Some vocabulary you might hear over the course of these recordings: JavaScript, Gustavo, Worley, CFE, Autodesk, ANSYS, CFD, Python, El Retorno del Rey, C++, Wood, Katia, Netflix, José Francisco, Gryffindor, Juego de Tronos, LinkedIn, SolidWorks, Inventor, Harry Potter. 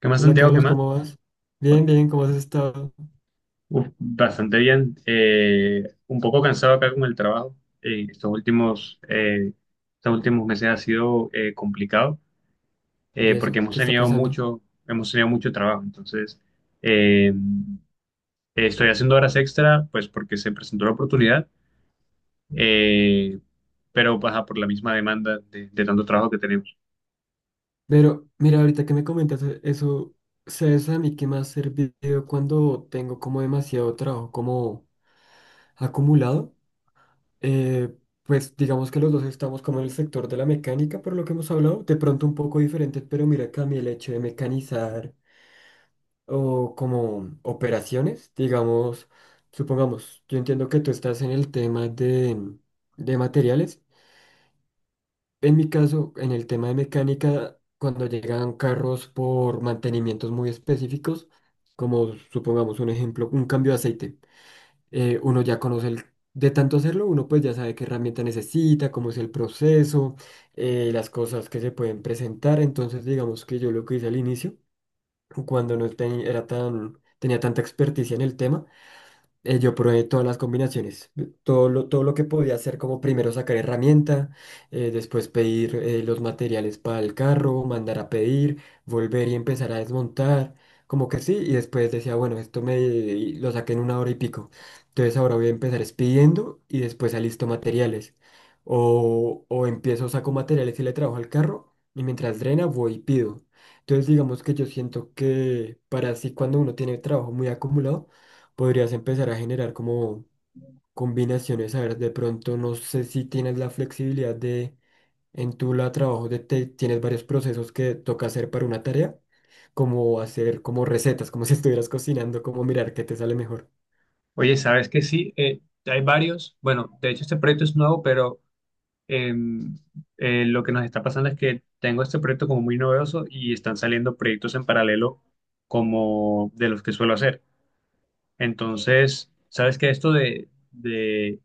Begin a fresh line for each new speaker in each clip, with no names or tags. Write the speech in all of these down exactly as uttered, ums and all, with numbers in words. ¿Qué más,
Hola
Santiago? ¿Qué
Carlos,
más?
¿cómo vas? Bien, bien, ¿cómo has estado?
Uf, bastante bien. Eh, un poco cansado acá con el trabajo. Eh, estos últimos, eh, Estos últimos meses ha sido eh, complicado
¿Y
eh, porque
eso?
hemos
¿Qué está
tenido
pasando?
mucho, hemos tenido mucho trabajo. Entonces, eh, estoy haciendo horas extra, pues porque se presentó la oportunidad, eh, pero baja por la misma demanda de, de tanto trabajo que tenemos.
Pero mira, ahorita que me comentas e- eso, ¿sabes a mí qué me ha servido cuando tengo como demasiado trabajo como acumulado? Eh, pues digamos que los dos estamos como en el sector de la mecánica, por lo que hemos hablado, de pronto un poco diferentes, pero mira que a mí el hecho de mecanizar o como operaciones, digamos, supongamos, yo entiendo que tú estás en el tema de, de materiales. En mi caso, en el tema de mecánica, cuando llegan carros por mantenimientos muy específicos, como supongamos un ejemplo, un cambio de aceite, eh, uno ya conoce el, de tanto hacerlo, uno pues ya sabe qué herramienta necesita, cómo es el proceso, eh, las cosas que se pueden presentar. Entonces, digamos que yo lo que hice al inicio, cuando no ten- era tan, tenía tanta experticia en el tema, eh, yo probé todas las combinaciones, eh, todo lo, todo lo que podía hacer, como primero sacar herramienta, eh, después pedir eh, los materiales para el carro, mandar a pedir, volver y empezar a desmontar, como que sí, y después decía, bueno, esto me y lo saqué en una hora y pico, entonces ahora voy a empezar es pidiendo y después alisto materiales, o, o empiezo, saco materiales y le trabajo al carro, y mientras drena voy y pido. Entonces digamos que yo siento que para así cuando uno tiene trabajo muy acumulado, podrías empezar a generar como combinaciones. A ver, de pronto no sé si tienes la flexibilidad de en tu la trabajo de te- tienes varios procesos que toca hacer para una tarea, como hacer como recetas, como si estuvieras cocinando, como mirar qué te sale mejor.
Oye, ¿sabes que sí? Eh, hay varios. Bueno, de hecho este proyecto es nuevo, pero em, eh, lo que nos está pasando es que tengo este proyecto como muy novedoso y están saliendo proyectos en paralelo como de los que suelo hacer. Entonces, sabes que esto de, de,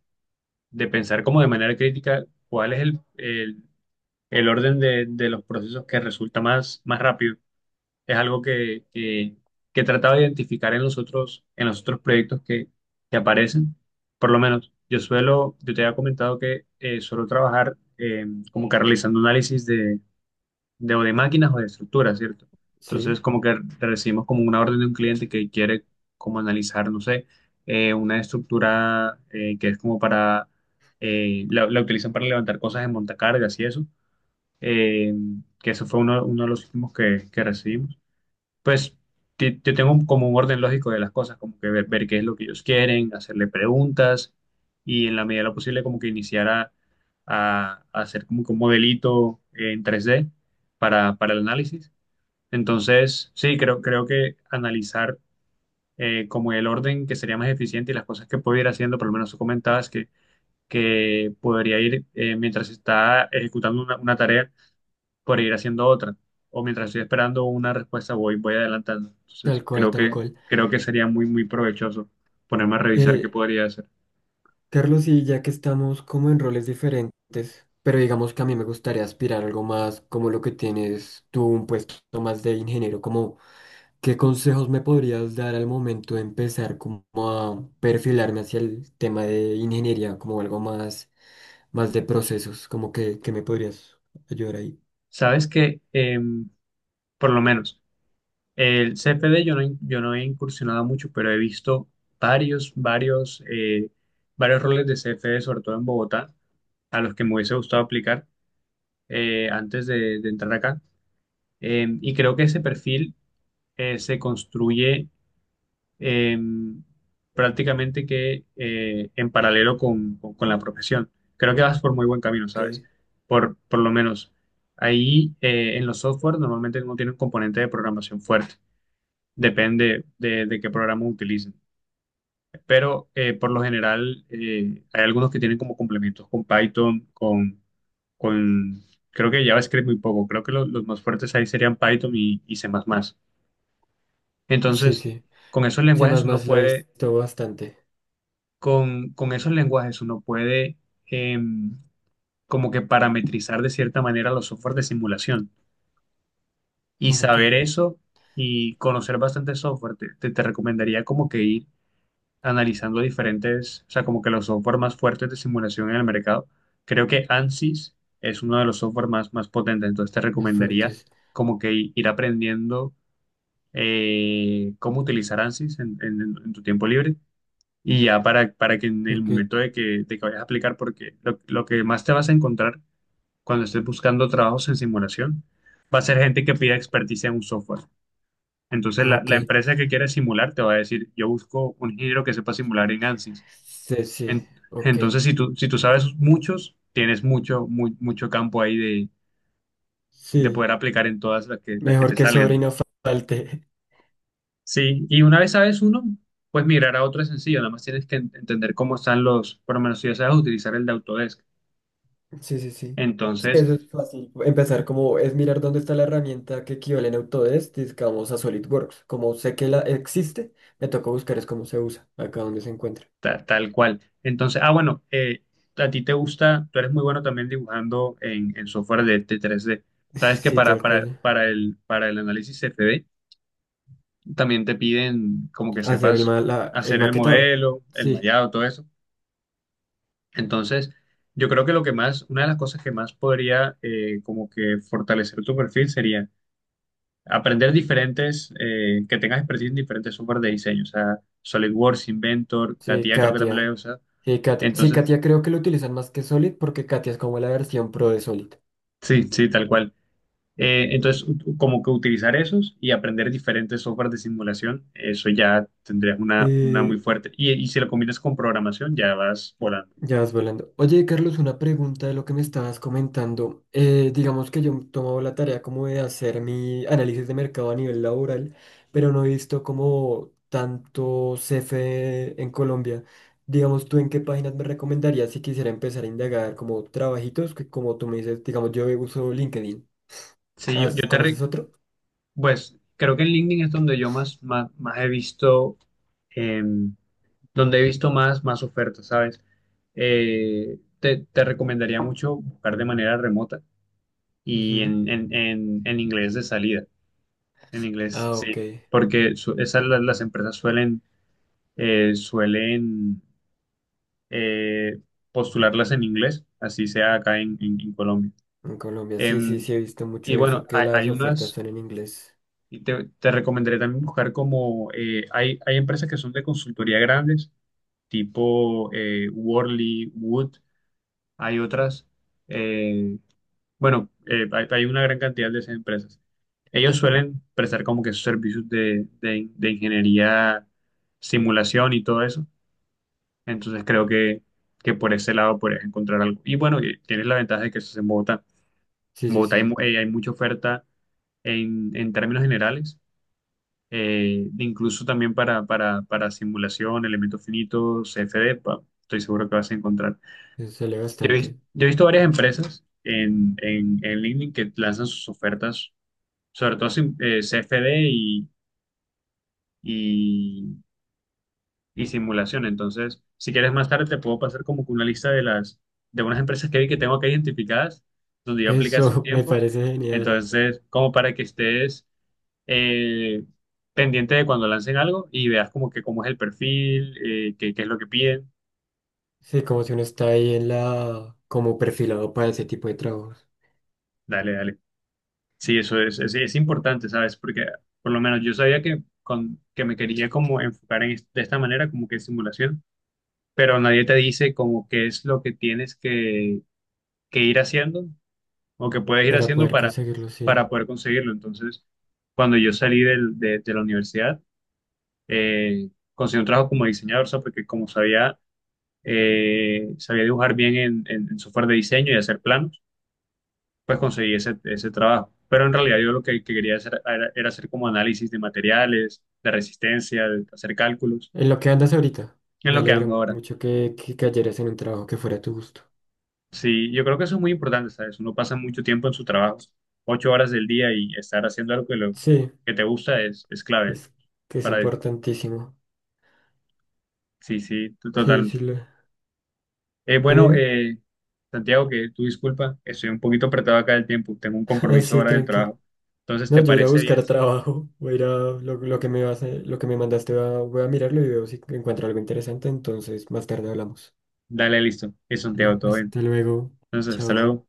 de pensar como de manera crítica, cuál es el, el, el orden de, de los procesos que resulta más, más rápido es algo que, que, que he tratado de identificar en los otros, en los otros proyectos que, que aparecen. Por lo menos, yo suelo, yo te había comentado que eh, suelo trabajar eh, como que realizando análisis de, de, o de máquinas o de estructuras, ¿cierto? Entonces,
Sí,
como que recibimos como una orden de un cliente que quiere como analizar, no sé, eh, una estructura eh, que es como para, eh, la, la utilizan para levantar cosas en montacargas y eso. Eh, que eso fue uno, uno de los últimos que, que recibimos. Pues ti- yo tengo un- como un orden lógico de las cosas, como que ver, ver qué es lo que ellos quieren, hacerle preguntas y en la medida de lo posible como que iniciar a, a- a hacer como que un modelito en tres d para, para el análisis. Entonces, sí, creo, creo que analizar eh, como el orden que sería más eficiente y las cosas que puedo ir haciendo. Por lo menos tú comentabas que, que podría ir eh, mientras está ejecutando una, una tarea por ir haciendo otra. O mientras estoy esperando una respuesta, voy, voy adelantando.
tal
Entonces,
cual,
creo
tal
que,
cual.
creo que sería muy, muy provechoso ponerme a revisar qué
Eh,
podría hacer.
Carlos, y ya que estamos como en roles diferentes, pero digamos que a mí me gustaría aspirar a algo más como lo que tienes tú, un puesto más de ingeniero, como, ¿qué consejos me podrías dar al momento de empezar como a perfilarme hacia el tema de ingeniería, como algo más, más de procesos? Como que, que me podrías ayudar ahí.
Sabes que, em, por lo menos, el C F D yo no, yo no he incursionado mucho, pero he visto varios, varios, eh, varios roles de C F D, sobre todo en Bogotá, a los que me hubiese gustado aplicar eh, antes de, de entrar acá. Em, y creo que ese perfil eh, se construye eh, prácticamente que eh, en paralelo con, con- con la profesión. Creo que vas por muy buen camino, ¿sabes?
Ok.
Por, por lo menos ahí eh, en los software normalmente no tienen componente de programación fuerte. Depende de, de qué programa utilicen. Pero eh, por lo general eh, hay algunos que tienen como complementos con Python, con, con creo que JavaScript muy poco. Creo que lo- los más fuertes ahí serían Python y, y C++.
Sí,
Entonces,
sí.
con esos
C++
lenguajes uno
lo he
puede
visto bastante.
con, con esos lenguajes uno puede em, como que parametrizar de cierta manera los software de simulación. Y
Ok,
saber eso y conocer bastante software, te, te- te recomendaría como que ir analizando diferentes, o sea, como que los software más fuertes de simulación en el mercado. Creo que ANSYS es uno de los software más, más potentes, entonces te
más
recomendaría
fuertes.
como que i- ir aprendiendo eh, cómo utilizar ANSYS en en- en tu tiempo libre y ya para, para que en el
Ok,
momento de que, de que vayas a aplicar, porque lo, lo que más te vas a encontrar cuando estés buscando trabajos en simulación va a ser gente que pida experticia en un software. Entonces, la,
ok.
la empresa que quiere simular te va a decir, yo busco un ingeniero que sepa simular en ANSYS.
Sí, sí,
En-
ok.
entonces, si tú, si tú sabes muchos, tienes mucho, mu- mucho campo ahí de, de
Sí,
poder aplicar en todas las que, las que
mejor
te
que sobre y
salgan.
no falte.
Sí, y una vez sabes uno, pues migrar a otro es sencillo, nada más tienes que en- entender cómo están los, por lo menos si ya sabes utilizar el de Autodesk.
Sí, sí, sí. Sí,
Entonces,
eso es fácil. Empezar como es mirar dónde está la herramienta que equivale en Autodesk, digamos a SolidWorks. Como sé que la existe, me toca buscar es cómo se usa, acá donde se encuentra.
ta- tal cual. Entonces, ah, bueno, eh, a ti te gusta, tú eres muy bueno también dibujando en, en software de, de tres D. Sabes que
Sí,
para,
tal
para,
cual.
para el, para el análisis C F D también te piden como que
Hacer el,
sepas
ma- la- el
hacer el
maquetado.
modelo, el
Sí,
mallado, todo eso. Entonces, yo creo que lo que más, una de las cosas que más podría eh, como que fortalecer tu perfil sería aprender diferentes, eh, que tengas expertise en diferentes software de diseño, o sea, SolidWorks, Inventor,
sí,
Katia creo que también lo he
Katia.
usado.
Sí, Katia. Sí,
Entonces,
Katia creo que lo utilizan más que Solid porque Katia es como la versión pro de Solid.
sí, sí, tal cual. Eh, entonces, u- como que utilizar esos y aprender diferentes softwares de simulación, eso ya tendrías una, una muy
Eh,
fuerte. Y, y si lo combinas con programación, ya vas volando.
Ya vas volando. Oye, Carlos, una pregunta de lo que me estabas comentando. Eh, digamos que yo he tomado la tarea como de hacer mi análisis de mercado a nivel laboral, pero no he visto como tanto C F E en Colombia. Digamos, ¿tú en qué páginas me recomendarías si quisiera empezar a indagar como trabajitos? Que como tú me dices, digamos, yo uso LinkedIn.
Sí, yo,
¿Has-
yo te... re-
¿Conoces otro?
Pues creo que en LinkedIn es donde yo más, más, más he visto, em, donde he visto más, más ofertas, ¿sabes? Eh, te, te recomendaría mucho buscar de manera remota y
Ujú.
en, en, en, en inglés de salida, en inglés,
Ah,
sí,
ok.
porque su- esas las las empresas suelen eh, suelen eh, postularlas en inglés, así sea acá en, en- en Colombia.
En Colombia, sí, sí,
Em,
sí, he visto
y
mucho
bueno,
eso, que
hay,
las
hay
ofertas
unas,
son en inglés.
y te, te recomendaré también buscar como, eh, hay, hay empresas que son de consultoría grandes, tipo eh, Worley, Wood, hay otras, eh, bueno, eh, hay, hay una gran cantidad de esas empresas. Ellos suelen prestar como que sus servicios de, de de ingeniería, simulación y todo eso. Entonces creo que, que por ese lado podrías encontrar algo. Y bueno, y tienes la ventaja de que eso es en Bogotá.
Sí,
En
sí,
Bogotá hay,
sí.
mu- eh, hay mucha oferta en, en términos generales, eh, incluso también para, para, para simulación, elementos finitos, C F D, pa- estoy seguro que vas a encontrar.
Eso sale
Yo he visto,
bastante.
yo he visto varias empresas en, en, en LinkedIn que lanzan sus ofertas, sobre todo sim- eh, C F D y, y simulación. Entonces, si quieres más tarde, te puedo pasar como que una lista de las, de unas empresas que vi que tengo acá identificadas, donde yo apliqué hace un
Eso me
tiempo.
parece genial.
Entonces, como para que estés eh, pendiente de cuando lancen algo y veas como que cómo es el perfil, eh, qué, qué es lo que piden.
Sí, como si uno está ahí en la, como perfilado para ese tipo de trabajos,
Dale, dale. Sí, eso es, es, es importante, ¿sabes? Porque por lo menos yo sabía que, con, que me quería como enfocar en, es- de esta manera, como que simulación, pero nadie te dice como qué es lo que tienes que, que ir haciendo o que puedes ir
para
haciendo
poder
para,
conseguirlo, sí.
para poder conseguirlo. Entonces, cuando yo salí del- de, de la universidad, eh, conseguí un trabajo como diseñador, o sea, porque como sabía, eh, sabía dibujar bien en, en- en software de diseño y hacer planos, pues conseguí ese, ese trabajo. Pero en realidad yo lo que, que quería hacer era, era hacer como análisis de materiales, de resistencia, de hacer cálculos,
En lo que andas ahorita,
en
me
lo que ando
alegra
ahora.
mucho que, que cayeras en un trabajo que fuera a tu gusto.
Sí, yo creo que eso es muy importante, ¿sabes? Uno pasa mucho tiempo en su trabajo, ocho horas del día, y estar haciendo algo que, lo,
Sí,
que te gusta es, es clave.
es que es
Para,
importantísimo.
sí, sí, t-
Sí,
total.
sí, lo...
Eh,
Dime,
bueno,
dime.
eh, Santiago, que tú disculpa, estoy un poquito apretado acá del tiempo, tengo un compromiso
Así,
ahora del
tranqui.
trabajo. Entonces,
No,
¿te
yo iré a
parece bien?
buscar
Sí.
trabajo, voy a ir a lo, lo que me vas a- lo que me mandaste, va voy a mirarlo y veo si encuentro algo interesante, entonces más tarde hablamos.
Dale, listo. Es Santiago,
Vale,
todo bien.
hasta luego.
Entonces, hasta
Chao.
luego.